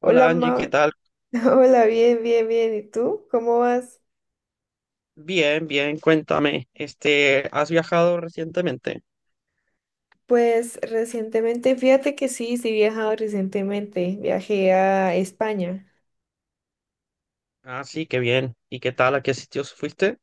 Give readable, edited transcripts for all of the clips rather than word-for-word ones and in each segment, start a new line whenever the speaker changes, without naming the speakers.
Hola,
Hola Angie, ¿qué
Ma.
tal?
Hola, bien. ¿Y tú? ¿Cómo vas?
Bien, bien, cuéntame, este, ¿has viajado recientemente?
Pues recientemente, fíjate que sí, sí he viajado recientemente. Viajé a España.
Ah, sí, qué bien. ¿Y qué tal? ¿A qué sitios fuiste?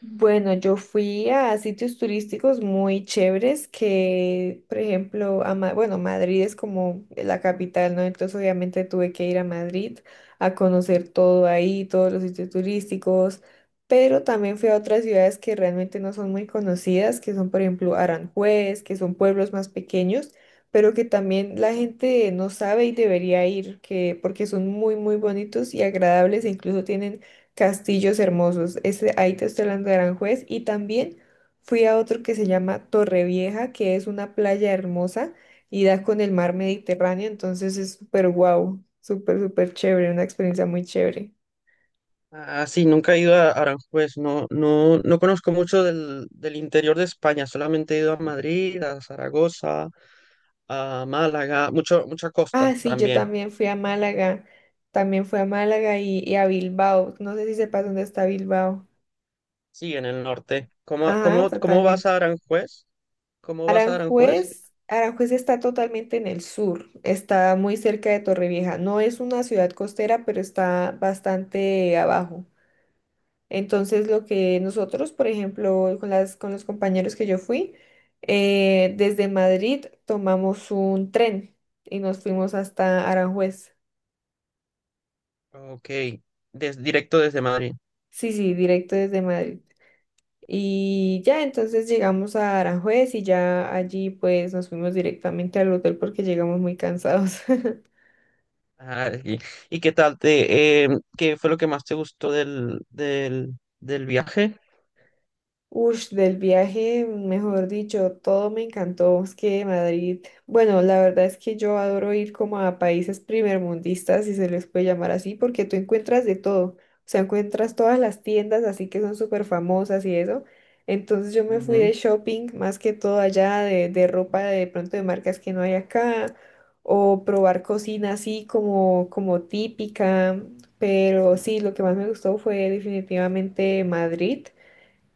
Bueno, yo fui a sitios turísticos muy chéveres que, por ejemplo, bueno, Madrid es como la capital, ¿no? Entonces obviamente tuve que ir a Madrid a conocer todo ahí, todos los sitios turísticos, pero también fui a otras ciudades que realmente no son muy conocidas, que son, por ejemplo, Aranjuez, que son pueblos más pequeños, pero que también la gente no sabe y debería ir, porque son muy bonitos y agradables, e incluso tienen castillos hermosos. Ese, ahí te estoy hablando de Aranjuez. Y también fui a otro que se llama Torrevieja, que es una playa hermosa y da con el mar Mediterráneo. Entonces es súper guau, súper chévere, una experiencia muy chévere.
Ah, sí, nunca he ido a Aranjuez, no, no, no conozco mucho del interior de España, solamente he ido a Madrid, a Zaragoza, a Málaga, mucha costa
Ah, sí, yo
también,
también fui a Málaga. También fui a Málaga y a Bilbao. No sé si sepas dónde está Bilbao.
sí, en el norte. ¿Cómo,
Ajá,
cómo, cómo vas
totalmente.
a Aranjuez? ¿Cómo vas a Aranjuez?
Aranjuez está totalmente en el sur, está muy cerca de Torrevieja. No es una ciudad costera, pero está bastante abajo. Entonces, lo que nosotros, por ejemplo, con los compañeros que yo fui, desde Madrid tomamos un tren y nos fuimos hasta Aranjuez.
Ok, directo desde Madrid.
Sí, sí, directo desde Madrid. Y ya entonces llegamos a Aranjuez y ya allí pues nos fuimos directamente al hotel porque llegamos muy cansados.
Ah, ¿y qué tal qué fue lo que más te gustó del viaje?
Ush, del viaje, mejor dicho, todo me encantó. Es que Madrid, bueno, la verdad es que yo adoro ir como a países primermundistas, si se les puede llamar así, porque tú encuentras de todo. O sea, encuentras todas las tiendas así que son súper famosas y eso. Entonces yo me fui
Ujú.
de shopping más que todo allá, de ropa de pronto de marcas que no hay acá, o probar cocina así como típica. Pero sí, lo que más me gustó fue definitivamente Madrid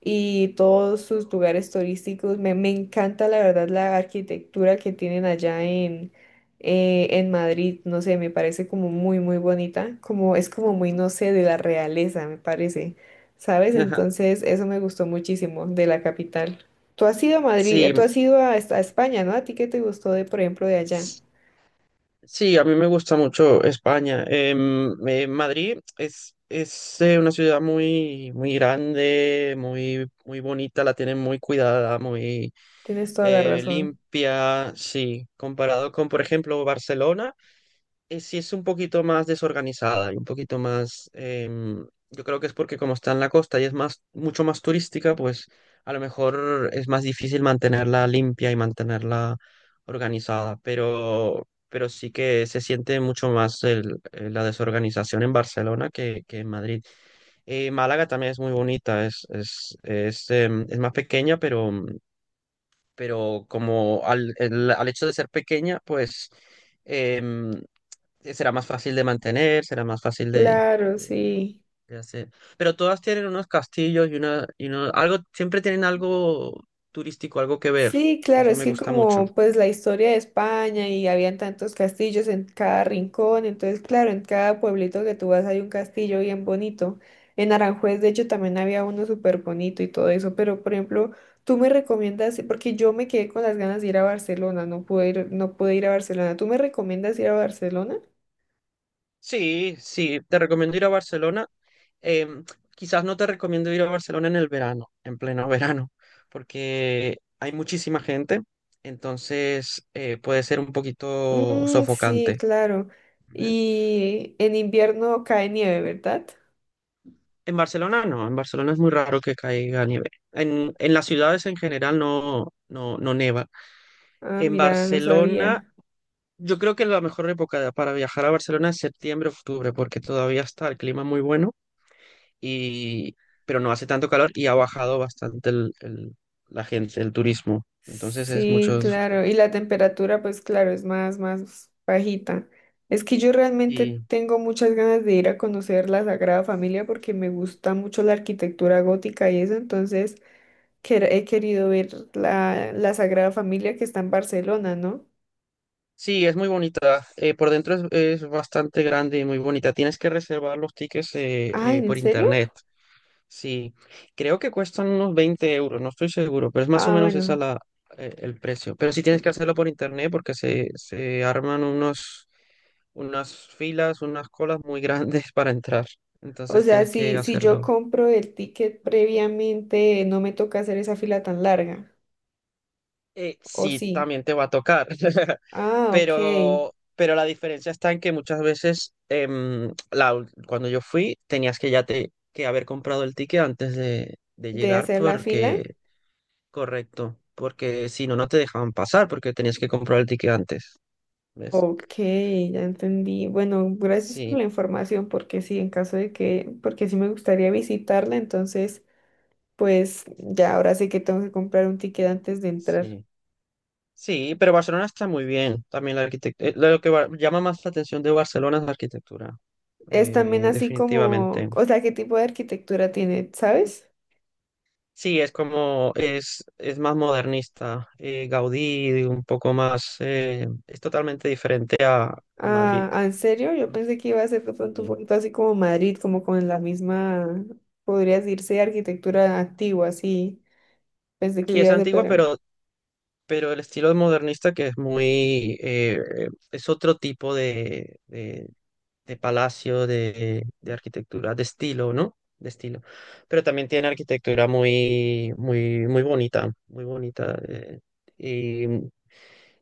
y todos sus lugares turísticos. Me encanta la verdad la arquitectura que tienen allá en Madrid. No sé, me parece como muy bonita. Como es como muy, no sé, de la realeza, me parece. ¿Sabes? Entonces, eso me gustó muchísimo de la capital. Tú has ido a Madrid,
Sí,
tú has ido a España, ¿no? ¿A ti qué te gustó de, por ejemplo, de allá?
s- sí, a mí me gusta mucho España. Madrid es una ciudad muy, muy grande, muy, muy bonita, la tienen muy cuidada, muy
Tienes toda la razón.
limpia, sí, comparado con, por ejemplo, Barcelona. Sí es un poquito más desorganizada y un poquito más, yo creo que es porque como está en la costa y mucho más turística, pues a lo mejor es más difícil mantenerla limpia y mantenerla organizada, pero sí que se siente mucho más la desorganización en Barcelona que en Madrid. Málaga también es muy bonita, es más pequeña, pero al hecho de ser pequeña, pues em, será más fácil de mantener, será más fácil
Claro,
de-
sí.
de hacer. Pero todas tienen unos castillos algo, siempre tienen algo turístico, algo que ver,
Sí,
y
claro,
eso
es
me
que
gusta mucho.
como pues la historia de España y habían tantos castillos en cada rincón, entonces claro, en cada pueblito que tú vas hay un castillo bien bonito. En Aranjuez, de hecho, también había uno súper bonito y todo eso, pero por ejemplo, tú me recomiendas, porque yo me quedé con las ganas de ir a Barcelona, no pude ir a Barcelona. ¿Tú me recomiendas ir a Barcelona?
Sí, sí, te recomiendo ir a Barcelona. Em, quizás no te recomiendo ir a Barcelona en el verano, en pleno verano, porque hay muchísima gente, entonces puede ser un poquito
Mm, sí,
sofocante.
claro.
¿Eh?
Y en invierno cae nieve, ¿verdad?
En Barcelona no, en Barcelona es muy raro que caiga nieve. En las ciudades en general no, no, no neva.
Ah,
En
mira, no
Barcelona,
sabía.
yo creo que la mejor época para viajar a Barcelona es septiembre, octubre, porque todavía está el clima muy bueno, y, pero no hace tanto calor y ha bajado bastante la gente, el turismo. Entonces es
Sí,
mucho disfrutar.
claro. Y la temperatura, pues claro, es más, más bajita. Es que yo realmente
Sí,
tengo muchas ganas de ir a conocer la Sagrada Familia porque me gusta mucho la arquitectura gótica y eso, entonces he querido ver la Sagrada Familia que está en Barcelona, ¿no?
sí, es muy bonita. Por dentro es bastante grande y muy bonita. Tienes que reservar los tickets
Ay, ¿en
por
serio?
internet. Sí, creo que cuestan unos 20 euros, no estoy seguro, pero es más o
Ah,
menos
bueno.
el precio. Pero sí tienes que hacerlo por internet porque se arman unas colas muy grandes para entrar.
O
Entonces
sea,
tienes que
si yo
hacerlo.
compro el ticket previamente, no me toca hacer esa fila tan larga. ¿O
Sí,
sí?
también te va a tocar,
Ah, ok.
pero la diferencia está en que muchas veces cuando yo fui tenías que que haber comprado el ticket antes de
De
llegar
hacer la fila.
porque correcto, porque si no, no te dejaban pasar porque tenías que comprar el ticket antes, ¿ves?
Ok, ya entendí. Bueno, gracias por la
Sí,
información, porque sí, en caso de que, porque sí me gustaría visitarla, entonces, pues ya ahora sé que tengo que comprar un ticket antes de entrar.
sí. Sí, pero Barcelona está muy bien. También la arquitectura, lo que llama más la atención de Barcelona es la arquitectura,
Es también así como,
definitivamente.
o sea, ¿qué tipo de arquitectura tiene, sabes?
Sí, es como, es más modernista. Gaudí, un poco más, es totalmente diferente a Madrid.
Ah, ah, ¿en serio? Yo pensé que iba a ser de pronto un
Sí,
poquito así como Madrid, como con la misma, podría decirse, arquitectura antigua, así. Pensé
sí,
que
es
iba a ser,
antigua,
pero...
pero el estilo modernista que es es otro tipo de palacio, de arquitectura, de estilo, ¿no? De estilo. Pero también tiene arquitectura muy, muy, muy bonita, muy bonita. Y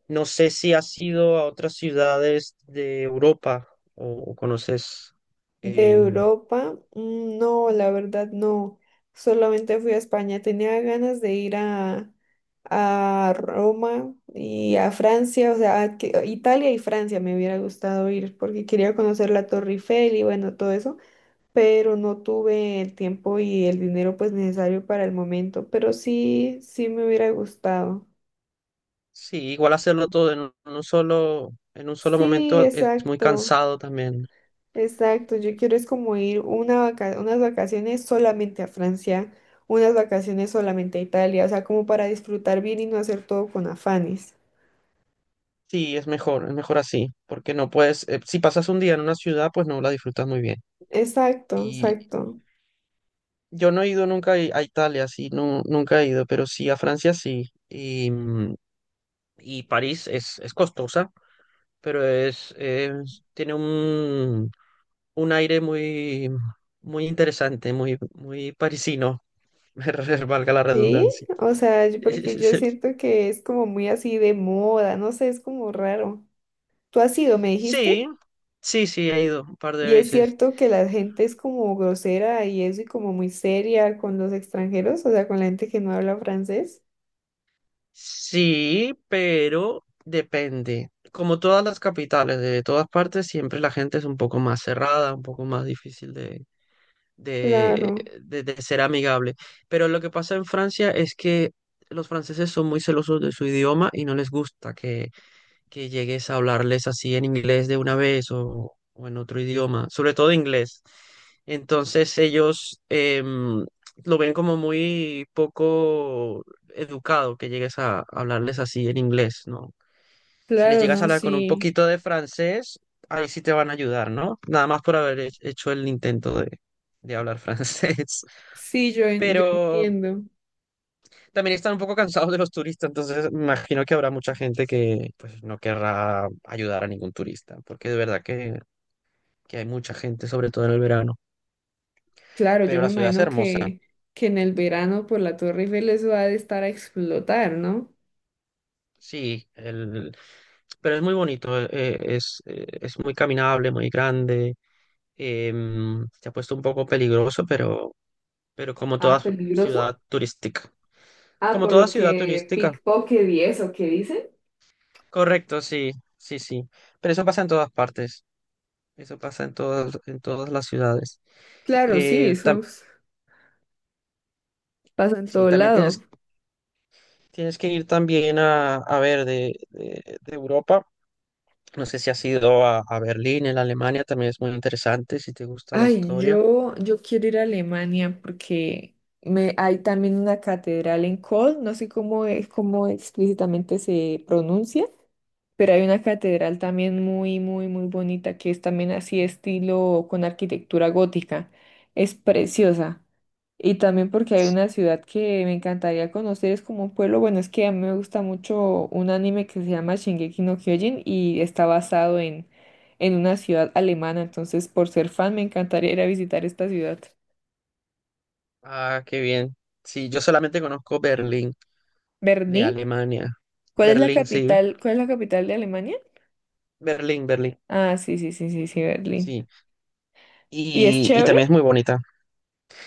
no sé si has ido a otras ciudades de Europa o conoces.
De
em,
Europa, mm, no, la verdad no. Solamente fui a España. Tenía ganas de ir a Roma y a Francia, o sea, a Italia y Francia me hubiera gustado ir porque quería conocer la Torre Eiffel y bueno, todo eso, pero no tuve el tiempo y el dinero pues necesario para el momento, pero sí, sí me hubiera gustado.
sí, igual hacerlo todo en en un solo
Sí,
momento es muy
exacto.
cansado también.
Exacto, yo quiero es como ir unas vacaciones solamente a Francia, unas vacaciones solamente a Italia, o sea, como para disfrutar bien y no hacer todo con afanes.
Sí, es mejor así, porque no puedes, si pasas un día en una ciudad, pues no la disfrutas muy bien.
Exacto, exacto.
Yo no he ido nunca a Italia, sí, no, nunca he ido, pero sí a Francia sí. Y París es costosa, pero tiene un aire muy, muy interesante, muy, muy parisino, valga la
Sí,
redundancia.
o sea, yo- porque yo siento que es como muy así de moda, no sé, es como raro. ¿Tú has ido, me
Sí,
dijiste?
sí, sí, he ido un par de
Y es
veces.
cierto que la gente es como grosera y eso y como muy seria con los extranjeros, o sea, con la gente que no habla francés.
Sí, pero depende. Como todas las capitales de todas partes, siempre la gente es un poco más cerrada, un poco más difícil de,
Claro,
de ser amigable. Pero lo que pasa en Francia es que los franceses son muy celosos de su idioma y no les gusta que llegues a hablarles así en inglés de una vez o en otro idioma, sobre todo inglés. Entonces ellos lo ven como muy poco educado que llegues a hablarles así en inglés, ¿no? Si les
claro,
llegas a
no,
hablar con un
sí.
poquito de francés, ahí sí te van a ayudar, ¿no? Nada más por haber hecho el intento de hablar francés.
Sí, yo, yo
Pero
entiendo.
también están un poco cansados de los turistas, entonces me imagino que habrá mucha gente que pues no querrá ayudar a ningún turista, porque de verdad que hay mucha gente, sobre todo en el verano.
Claro, yo
Pero
me
la ciudad es
imagino
hermosa,
que en el verano por la Torre Eiffel eso ha de estar a explotar, ¿no?
sí, pero es muy bonito, es muy caminable, muy grande, se ha puesto un poco peligroso, pero como
Ah,
toda
peligroso.
ciudad turística.
Ah,
Como
por
toda
lo
ciudad
que
turística,
pickpocket y eso, ¿qué dicen?
correcto, sí, sí, sí. Pero eso pasa en todas partes, eso pasa en todas las ciudades.
Claro, sí,
Eh,
eso
tam-
es- pasa en
sí,
todo
también
lado.
tienes que ir también a ver de Europa. No sé si has ido a Berlín, en Alemania, también es muy interesante si te gusta la
Ay,
historia.
yo quiero ir a Alemania porque me, hay también una catedral en Köln, no sé cómo es, cómo explícitamente se pronuncia. Pero hay una catedral también muy bonita que es también así estilo con arquitectura gótica. Es preciosa. Y también porque hay una ciudad que me encantaría conocer, es como un pueblo, bueno, es que a mí me gusta mucho un anime que se llama Shingeki no Kyojin y está basado en una ciudad alemana, entonces por ser fan me encantaría ir a visitar esta ciudad.
Ah, qué bien. Sí, yo solamente conozco Berlín de
Berlín,
Alemania.
¿cuál es la
Berlín, sí.
capital, cuál es la capital de Alemania?
Berlín, Berlín.
Ah, Berlín.
Sí.
¿Y es
Y
chévere?
también es muy bonita.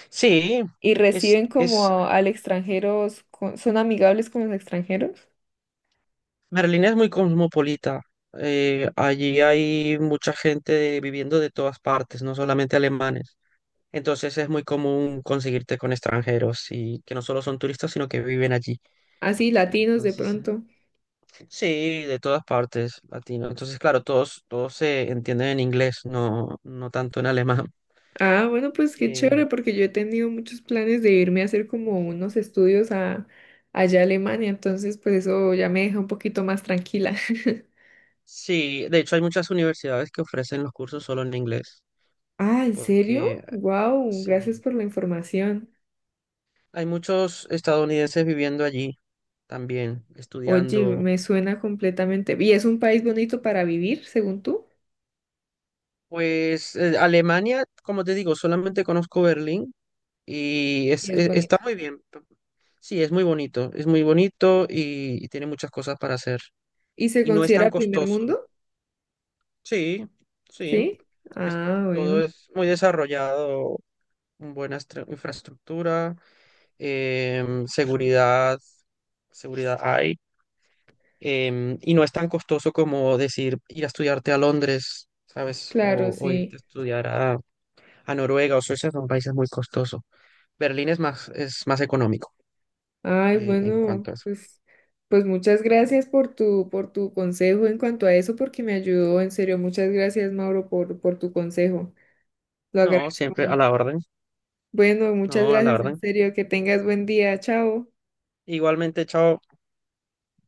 Sí,
Y
es,
reciben como
es,
al extranjeros son amigables con los extranjeros,
Berlín es muy cosmopolita. Allí hay mucha gente viviendo de todas partes, no solamente alemanes. Entonces es muy común conseguirte con extranjeros y que no solo son turistas, sino que viven allí.
así latinos de
Entonces,
pronto.
sí, de todas partes, latino. Entonces, claro, todos se entienden en inglés, no, no tanto en alemán.
Ah, bueno, pues qué
Eh,
chévere, porque yo he tenido muchos planes de irme a hacer como unos estudios a, allá a Alemania, entonces pues eso ya me deja un poquito más tranquila.
sí, de hecho hay muchas universidades que ofrecen los cursos solo en inglés,
Ah, ¿en
porque
serio? Wow, gracias
sí,
por la información.
hay muchos estadounidenses viviendo allí también,
Oye,
estudiando.
me suena completamente. ¿Y es un país bonito para vivir, según tú?
Pues Alemania, como te digo, solamente conozco Berlín y
Y es
está
bonito.
muy bien. Sí, es muy bonito y tiene muchas cosas para hacer.
¿Y se
Y no es tan
considera primer
costoso.
mundo?
Sí, sí,
Sí.
es-
Ah,
todo
bueno,
es muy desarrollado, buena infraestructura, seguridad, seguridad hay. Y no es tan costoso como decir ir a estudiarte a Londres, ¿sabes?
claro,
O irte
sí.
a estudiar a Noruega o Suecia, son países muy costosos. Berlín es más, económico
Ay,
en
bueno,
cuanto a eso.
pues, pues muchas gracias por tu consejo en cuanto a eso, porque me ayudó, en serio, muchas gracias, Mauro, por tu consejo. Lo
No,
agradezco
siempre a
mucho.
la orden.
Bueno,
No,
muchas
a la
gracias, en
orden.
serio, que tengas buen día, chao.
Igualmente, chao.